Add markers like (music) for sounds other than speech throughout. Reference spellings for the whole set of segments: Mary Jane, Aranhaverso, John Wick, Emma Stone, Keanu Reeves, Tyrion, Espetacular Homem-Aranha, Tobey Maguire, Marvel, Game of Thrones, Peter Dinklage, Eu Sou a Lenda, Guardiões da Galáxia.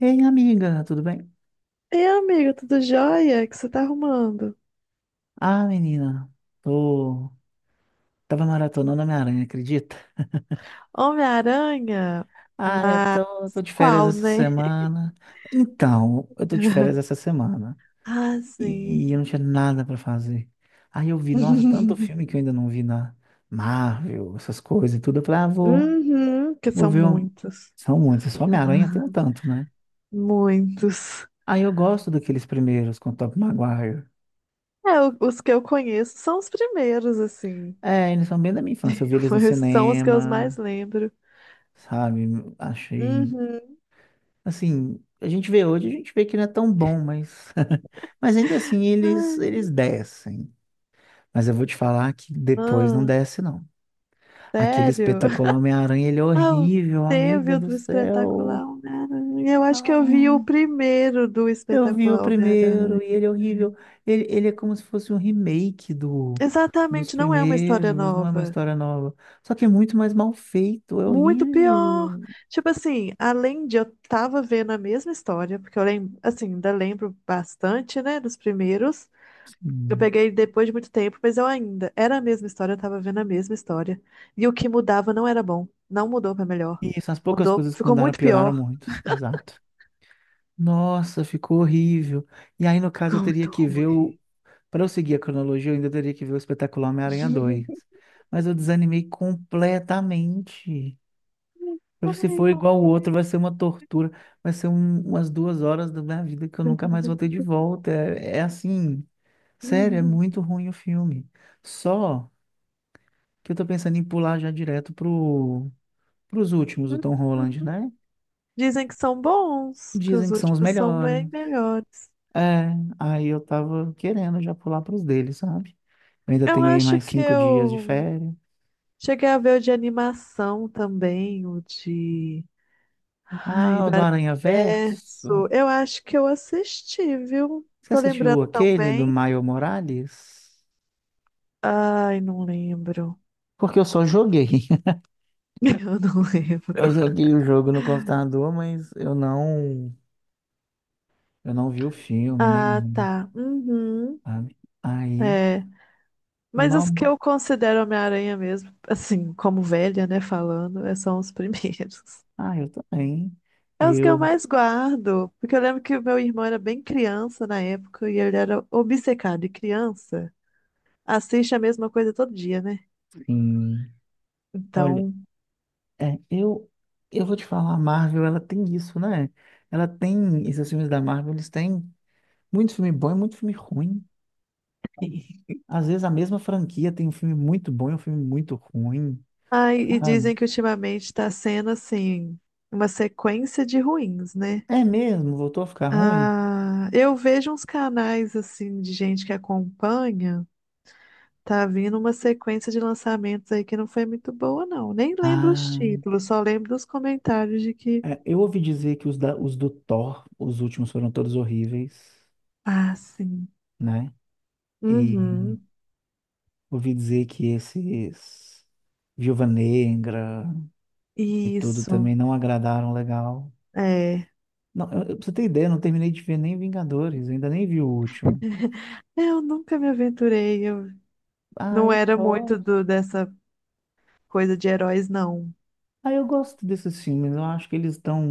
Ei, amiga, tudo bem? E amigo, tudo jóia? O que você tá arrumando? Ah, menina, tô... Tava maratonando Homem-Aranha, acredita? Homem-Aranha? Ah, eu Mas tô, tô de férias qual, essa né? semana. Então, eu tô de férias (laughs) essa semana. Ah, sim. E eu não tinha nada pra fazer. Aí eu vi, nossa, tanto filme que eu (laughs) ainda não vi na Marvel, essas coisas e tudo. Eu falei, ah, vou, Uhum, que vou são ver um... muitos. São muitos, só Homem-Aranha tem um (laughs) tanto, né? Muitos. Aí eu gosto daqueles primeiros com o Tobey Maguire. É, os que eu conheço são os primeiros, assim. É, eles são bem da minha infância. Eu vi (laughs) eles no São os que eu mais cinema, lembro. sabe? Achei Uhum. assim, a gente vê hoje, a gente vê que não é tão bom, mas, (laughs) mas ainda assim eles, Ai, eles descem. Mas eu vou te falar que depois não ah, desce, não. Aquele sério? espetacular (laughs) Homem-Aranha, ele é Ah, o- horrível, Teve amiga o do do céu. Espetacular Homem-Aranha. Eu acho que eu vi o Não, primeiro do eu vi o Espetacular Homem-Aranha. primeiro e ele é horrível. Ele é como se fosse um remake do, dos Exatamente, não é uma história primeiros, não é uma nova. história nova. Só que é muito mais mal feito, é Muito pior. horrível. Tipo assim, além de eu tava vendo a mesma história, porque eu lembro, assim, ainda lembro bastante, né, dos primeiros. Eu Sim. peguei depois de muito tempo, mas eu ainda era a mesma história, eu tava vendo a mesma história. E o que mudava não era bom, não mudou pra melhor. Isso, as poucas Mudou, coisas que ficou mudaram muito pioraram pior, muito. Exato. Nossa, ficou horrível. E aí, no (laughs) caso, eu ficou teria muito que ver o. ruim. Para eu seguir a cronologia, eu ainda teria que ver o espetáculo Homem-Aranha 2. (laughs) Mas eu desanimei completamente. Se Ai, for como igual o outro, vai é? ser uma tortura. Vai ser umas 2 horas da minha vida que eu nunca mais vou ter de (laughs) volta. É, é assim, sério, é muito ruim o filme. Só que eu tô pensando em pular já direto pro, pros últimos, o Tom Holland, né? Dizem que são bons, que Dizem os que são os últimos são melhores. bem melhores. É, aí eu tava querendo já pular pros deles, sabe? Eu ainda Eu tenho aí acho mais que 5 dias de eu férias. cheguei a ver o de animação também, o de. Ai, Ah, o do do Aranha Verso. Aranhaverso. Eu acho que eu assisti, viu? Você Tô assistiu lembrando tão aquele do bem. Maio Morales? Ai, não lembro. Porque eu só joguei. (laughs) (laughs) Eu não lembro. Eu joguei o jogo no computador, mas eu não vi o filme nem Ah, nada, tá. Uhum. sabe? Aí, É. Mas os não. que eu considero Homem-Aranha mesmo, assim, como velha, né, falando, são os (laughs) primeiros. Ah, eu também. É os que eu Eu, mais guardo, porque eu lembro que o meu irmão era bem criança na época e ele era obcecado. E criança assiste a mesma coisa todo dia, né? sim. Olha, Então. é, eu, eu vou te falar, a Marvel, ela tem isso, né? Ela tem, esses filmes da Marvel, eles têm muito filme bom e muito filme ruim. (laughs) Às vezes a mesma franquia tem um filme muito bom e um filme muito ruim, Ai, e dizem sabe? que ultimamente está sendo assim, uma sequência de ruins, né? É mesmo? Voltou a ficar ruim? Ah, eu vejo uns canais assim de gente que acompanha, tá vindo uma sequência de lançamentos aí que não foi muito boa, não. Nem lembro os Ah, títulos, só lembro dos comentários de que. é, eu ouvi dizer que os do Thor, os últimos foram todos horríveis, Ah, sim. né? E Uhum. ouvi dizer que esses Viúva Negra e tudo Isso, também não agradaram legal. é. Não, pra você ter ideia, eu não terminei de ver nem Vingadores, eu ainda nem vi o último. É, eu nunca me aventurei, eu Ah, não eu era muito gosto. do, dessa coisa de heróis, não. Ah, eu gosto desses filmes, eu acho que eles estão.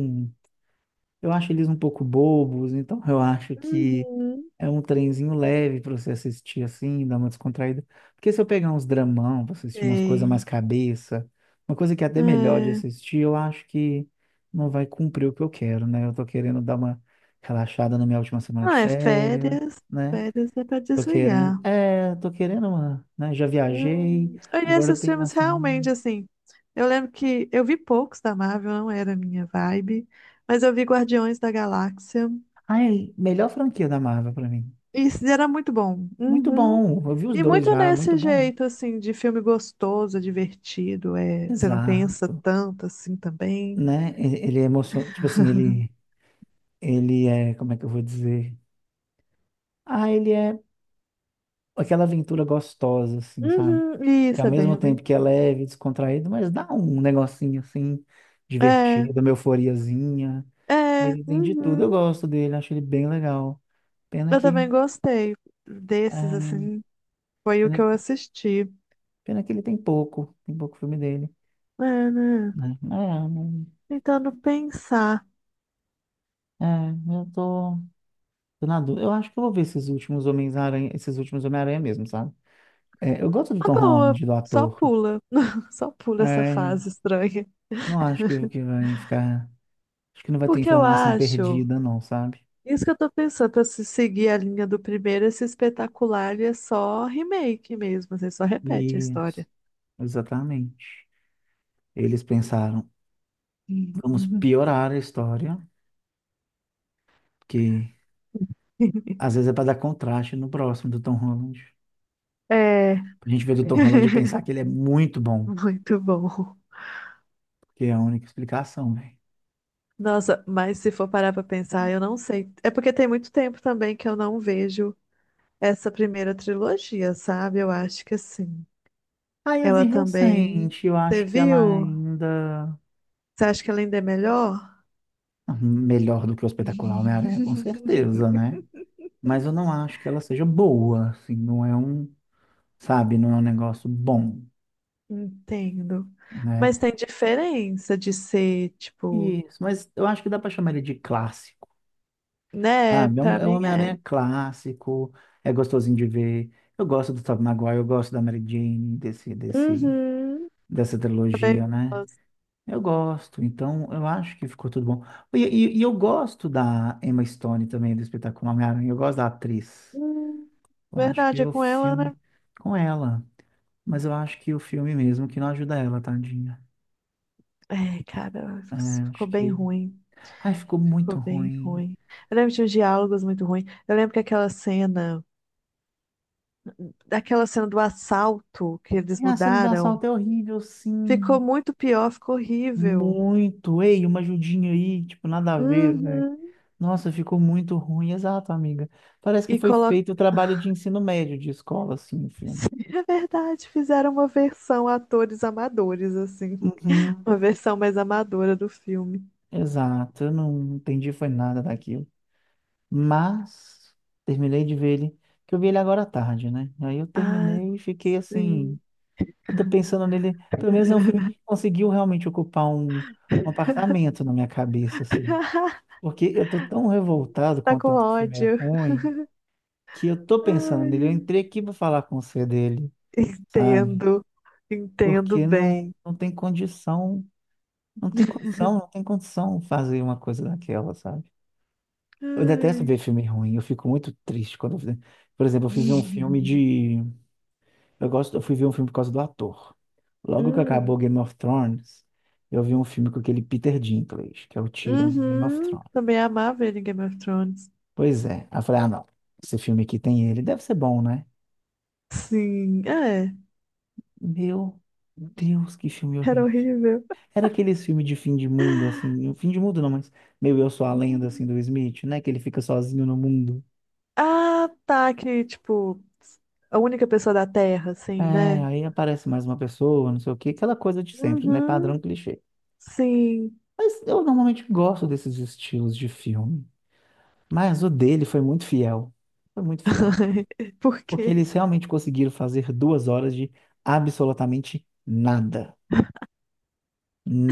Eu acho eles um pouco bobos, então eu acho que Uhum. é um trenzinho leve para você assistir assim, dar uma descontraída. Porque se eu pegar uns dramão pra assistir umas coisas Sei. mais cabeça, uma coisa que é até melhor de É. assistir, eu acho que não vai cumprir o que eu quero, né? Eu tô querendo dar uma relaxada na minha última semana de Ah, é férias, férias. né? Férias é pra Tô querendo, desligar. é, tô querendo uma, né? Já viajei, Hum. E agora esses tem uma filmes semana. realmente, assim, eu lembro que eu vi poucos da Marvel, não era a minha vibe, mas eu vi Guardiões da Galáxia. Ai, melhor franquia da Marvel pra mim. E isso era muito bom. Muito Uhum. bom, eu vi os E dois muito já, muito nesse bom. jeito, assim, de filme gostoso, divertido, é, você não pensa Exato. tanto assim também. Né? Ele é emocionante, tipo assim, ele é, como é que eu vou dizer? Ah, ele é aquela aventura gostosa, assim, sabe? Uhum, Que ao isso, é bem, mesmo é tempo bem. que é leve, descontraído, mas dá um negocinho assim, É, divertido, uma euforiazinha. é, Ele tem de tudo, eu uhum. gosto dele, acho ele bem legal. Pena Eu que, também gostei desses, é, assim, foi o que pena, eu assisti. pena que ele tem pouco filme dele, É, né? né? Tentando pensar. é, eu tô, tô na dúvida. Eu acho que eu vou ver esses últimos Homens-Aranha, esses últimos Homem-Aranha mesmo, sabe? É, eu gosto do Uma Tom boa, Holland, do só ator. pula, (laughs) só pula essa É, fase estranha. não acho que vai ficar. Acho que não vai ter Porque eu informação acho perdida, não, sabe? isso que eu tô pensando, pra se seguir a linha do primeiro, esse espetacular ele é só remake mesmo, você só repete a Isso, história. exatamente. Eles pensaram, vamos Uhum. piorar a história, que (laughs) às vezes é para dar contraste no próximo do Tom Holland. É, Pra gente ver do Tom Holland e pensar que ele é muito bom, muito bom. que é a única explicação, velho. Nossa, mas se for parar pra pensar, eu não sei. É porque tem muito tempo também que eu não vejo essa primeira trilogia, sabe? Eu acho que assim. Ah, eu Ela vi também. recente, eu Você acho que ela viu? ainda. Você acha que ela ainda é melhor? Ah, melhor do que o espetacular Homem-Aranha, com (laughs) certeza, né? Mas eu não acho que ela seja boa, assim, não é um, sabe, não é um negócio bom, Entendo. né? Mas tem diferença de ser, tipo. Isso, mas eu acho que dá pra chamar ele de clássico, Né? sabe? Pra É um mim é. Homem-Aranha clássico, é gostosinho de ver. Eu gosto do Tobey Maguire, eu gosto da Mary Jane, Uhum. dessa Também trilogia, né? gosto. Eu gosto, então eu acho que ficou tudo bom. E eu gosto da Emma Stone também, do espetáculo Homem-Aranha, eu gosto da atriz. Hum, Eu acho que verdade, é o com ela, né? filme com ela. Mas eu acho que o filme mesmo que não ajuda ela, tadinha. É, cara, É, ficou acho bem que. ruim. Ai, ficou Ficou muito bem ruim. ruim. Eu lembro de uns diálogos muito ruins. Eu lembro que aquela cena, daquela cena do assalto que eles E a cena do mudaram, assalto é horrível, ficou sim. muito pior, ficou horrível. Muito. Ei, uma ajudinha aí, tipo, nada a ver, velho. Uhum. Nossa, ficou muito ruim. Exato, amiga. Parece que E foi coloca. feito o trabalho de ensino médio de escola, assim, o (laughs) filme. Sim, é verdade, fizeram uma versão atores amadores, assim. Uhum, Uma versão mais amadora do filme. exato. Eu não entendi, foi nada daquilo. Mas terminei de ver ele, que eu vi ele agora à tarde, né? Aí eu Ah, terminei e fiquei assim. sim. Eu tô pensando nele, pelo menos é um filme que conseguiu realmente ocupar um apartamento na minha cabeça, assim. (laughs) Porque eu tô tão revoltado com Tá o com tanto que o filme é ódio. ruim, que eu tô pensando nele. Eu Ai, entrei aqui pra falar com você dele, sabe? entendo. Entendo Porque bem. não tem condição, não tem condição, não tem condição fazer uma coisa daquela, sabe? Eu detesto Ai. ver filme ruim, eu fico muito triste quando eu... Por exemplo, eu fui ver um filme (laughs) de. Eu gosto, eu fui ver um filme por causa do ator. Logo que Hum. acabou Game of Thrones, eu vi um filme com aquele Peter Dinklage, que é o Tyrion de Game of Uhum. Thrones. Também amava ele em Game of Thrones. Pois é. Aí eu falei, ah, não, esse filme aqui tem ele, deve ser bom, né? Sim, é. Meu Deus, que filme Era horrível. horrível. Era aqueles filmes de fim de mundo, assim, fim de mundo não, mas meio Eu Sou a Lenda, assim, Hum. do Smith, né? Que ele fica sozinho no mundo. Ah, tá. Que, tipo, a única pessoa da Terra, É, assim, né? aí aparece mais uma pessoa, não sei o quê, aquela coisa de sempre, né? Uhum. Padrão clichê. Sim. Mas eu normalmente gosto desses estilos de filme. Mas o dele foi muito fiel. Foi muito fiel. (laughs) Por Porque quê? eles realmente conseguiram fazer 2 horas de absolutamente nada.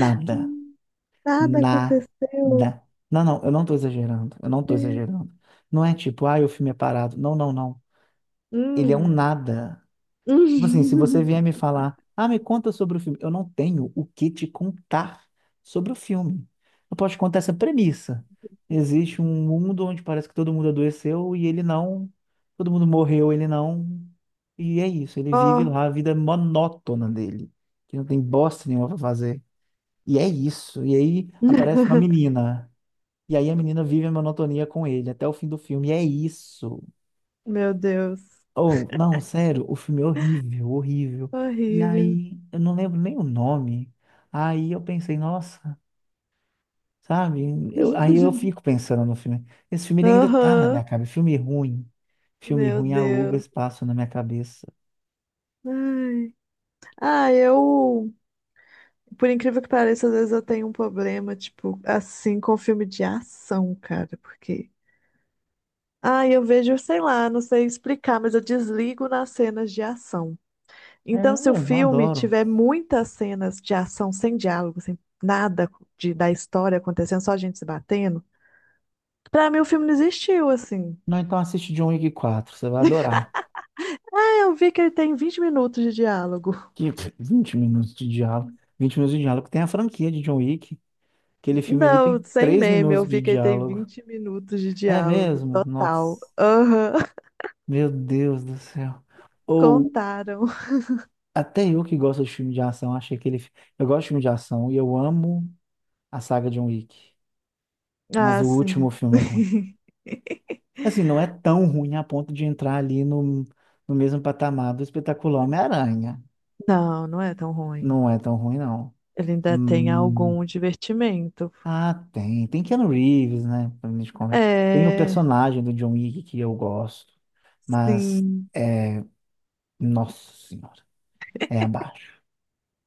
Nada. Hum, Nada Nada. aconteceu. Não, eu não tô exagerando. Eu não tô exagerando. Não é tipo, ah, o filme é parado. Não, não, não. Ele é um Hum. nada. Tipo assim, se você vier me (laughs) falar, ah, me conta sobre o filme, eu não tenho o que te contar sobre o filme. Eu posso te contar essa premissa. Existe um mundo onde parece que todo mundo adoeceu e ele não, todo mundo morreu, ele não. E é isso, ele vive Ó. lá a vida monótona dele, que não tem bosta nenhuma pra fazer. E é isso. E aí aparece uma (laughs) menina. E aí a menina vive a monotonia com ele até o fim do filme. E é isso. Meu Deus. Oh, não, sério, o filme é horrível, horrível. E Horrível. aí, eu não lembro nem o nome. Aí eu pensei, nossa, sabe? Aí eu (laughs) fico pensando no filme. Esse filme ele ainda tá na minha Aham. cabeça. Filme ruim. Filme Meu ruim aluga Deus. espaço na minha cabeça. Ai. Ah, por incrível que pareça, às vezes eu tenho um problema, tipo, assim, com filme de ação, cara, porque. Ah, eu vejo, sei lá, não sei explicar, mas eu desligo nas cenas de ação. É Então, se o mesmo, eu filme adoro. tiver muitas cenas de ação sem diálogo, sem nada de, da história acontecendo, só a gente se batendo, pra mim o filme não existiu, assim. Não, então assiste John Wick 4 você vai adorar. Ah, eu vi que ele tem 20 minutos de diálogo. Que 20 minutos de diálogo. 20 minutos de diálogo. Tem a franquia de John Wick. Aquele filme ali Não, tem sem 3 meme, eu minutos de vi que ele tem diálogo. 20 minutos de É diálogo mesmo? total. Nossa, Aham, (laughs) meu Deus do céu. Ou contaram. Até eu que gosto de filme de ação, achei que ele. Eu gosto de filme de ação e eu amo a saga John Wick. Mas Ah, o último sim. filme é ruim. (laughs) Assim, não é tão ruim a ponto de entrar ali no, no mesmo patamar do espetacular Homem-Aranha. Não, não é tão ruim. Não é tão ruim, não. Ele ainda tem Hum, algum divertimento. ah, tem. Tem Keanu Reeves, né? Tem o É, personagem do John Wick que eu gosto. Mas sim. é. Nossa Senhora. É abaixo.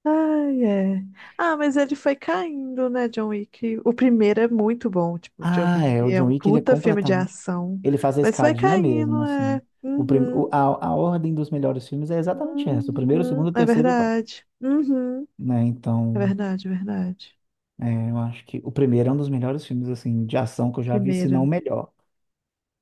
Ai, é. Ah, mas ele foi caindo, né, John Wick? O primeiro é muito bom, tipo, John Ah, é, Wick o é John um Wick, ele é puta filme de completamente... ação. Ele faz a Mas foi escadinha mesmo, caindo, assim. é. O prim... o- Uhum, a ordem dos melhores filmes é exatamente essa. O uhum, primeiro, o segundo, o é terceiro e o quarto. verdade. Uhum. Né? É Então, verdade, é verdade. é, eu acho que o primeiro é um dos melhores filmes, assim, de ação que eu já vi, se Primeira. não o melhor.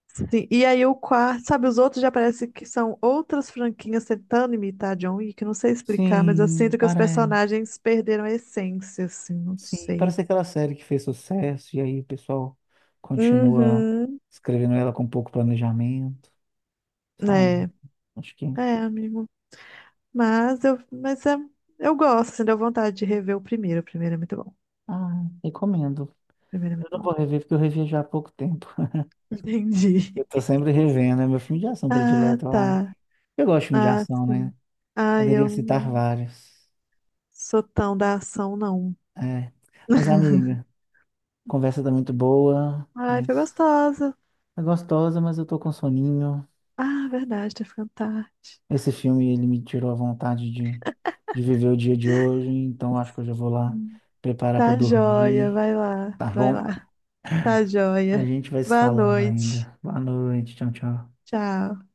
Sim, e aí o quarto, sabe, os outros já parece que são outras franquinhas tentando imitar John Wick, não sei explicar, mas eu Sim, sinto que os parece. personagens perderam a essência, assim, não Sim, sei. parece aquela série que fez sucesso e aí o pessoal continua Uhum, escrevendo ela com pouco planejamento, é, sabe? Acho que... é, amigo. Mas eu gosto, assim, deu vontade de rever o primeiro é muito bom, o Ah, recomendo. primeiro é Eu muito não bom. vou rever porque eu revi já há pouco tempo. Entendi. Eu tô (laughs) sempre revendo, é meu filme de ação Ah, predileto, eu acho. tá. Eu gosto de filme de Ah, ação, né? sim. Ah, Poderia eu citar não vários. sou tão da ação, não. É. Mas, (laughs) amiga, a conversa tá muito boa, Ai, mas foi gostosa. é gostosa, mas eu tô com soninho. Ah, verdade, tá ficando tarde. Esse filme, ele me tirou a vontade de viver o dia de hoje, então acho que eu já vou lá Hum. preparar pra Tá joia, dormir, vai lá, tá vai bom? lá. Tá A joia. gente vai se Boa falando noite. ainda. Boa noite, tchau, tchau. Tchau.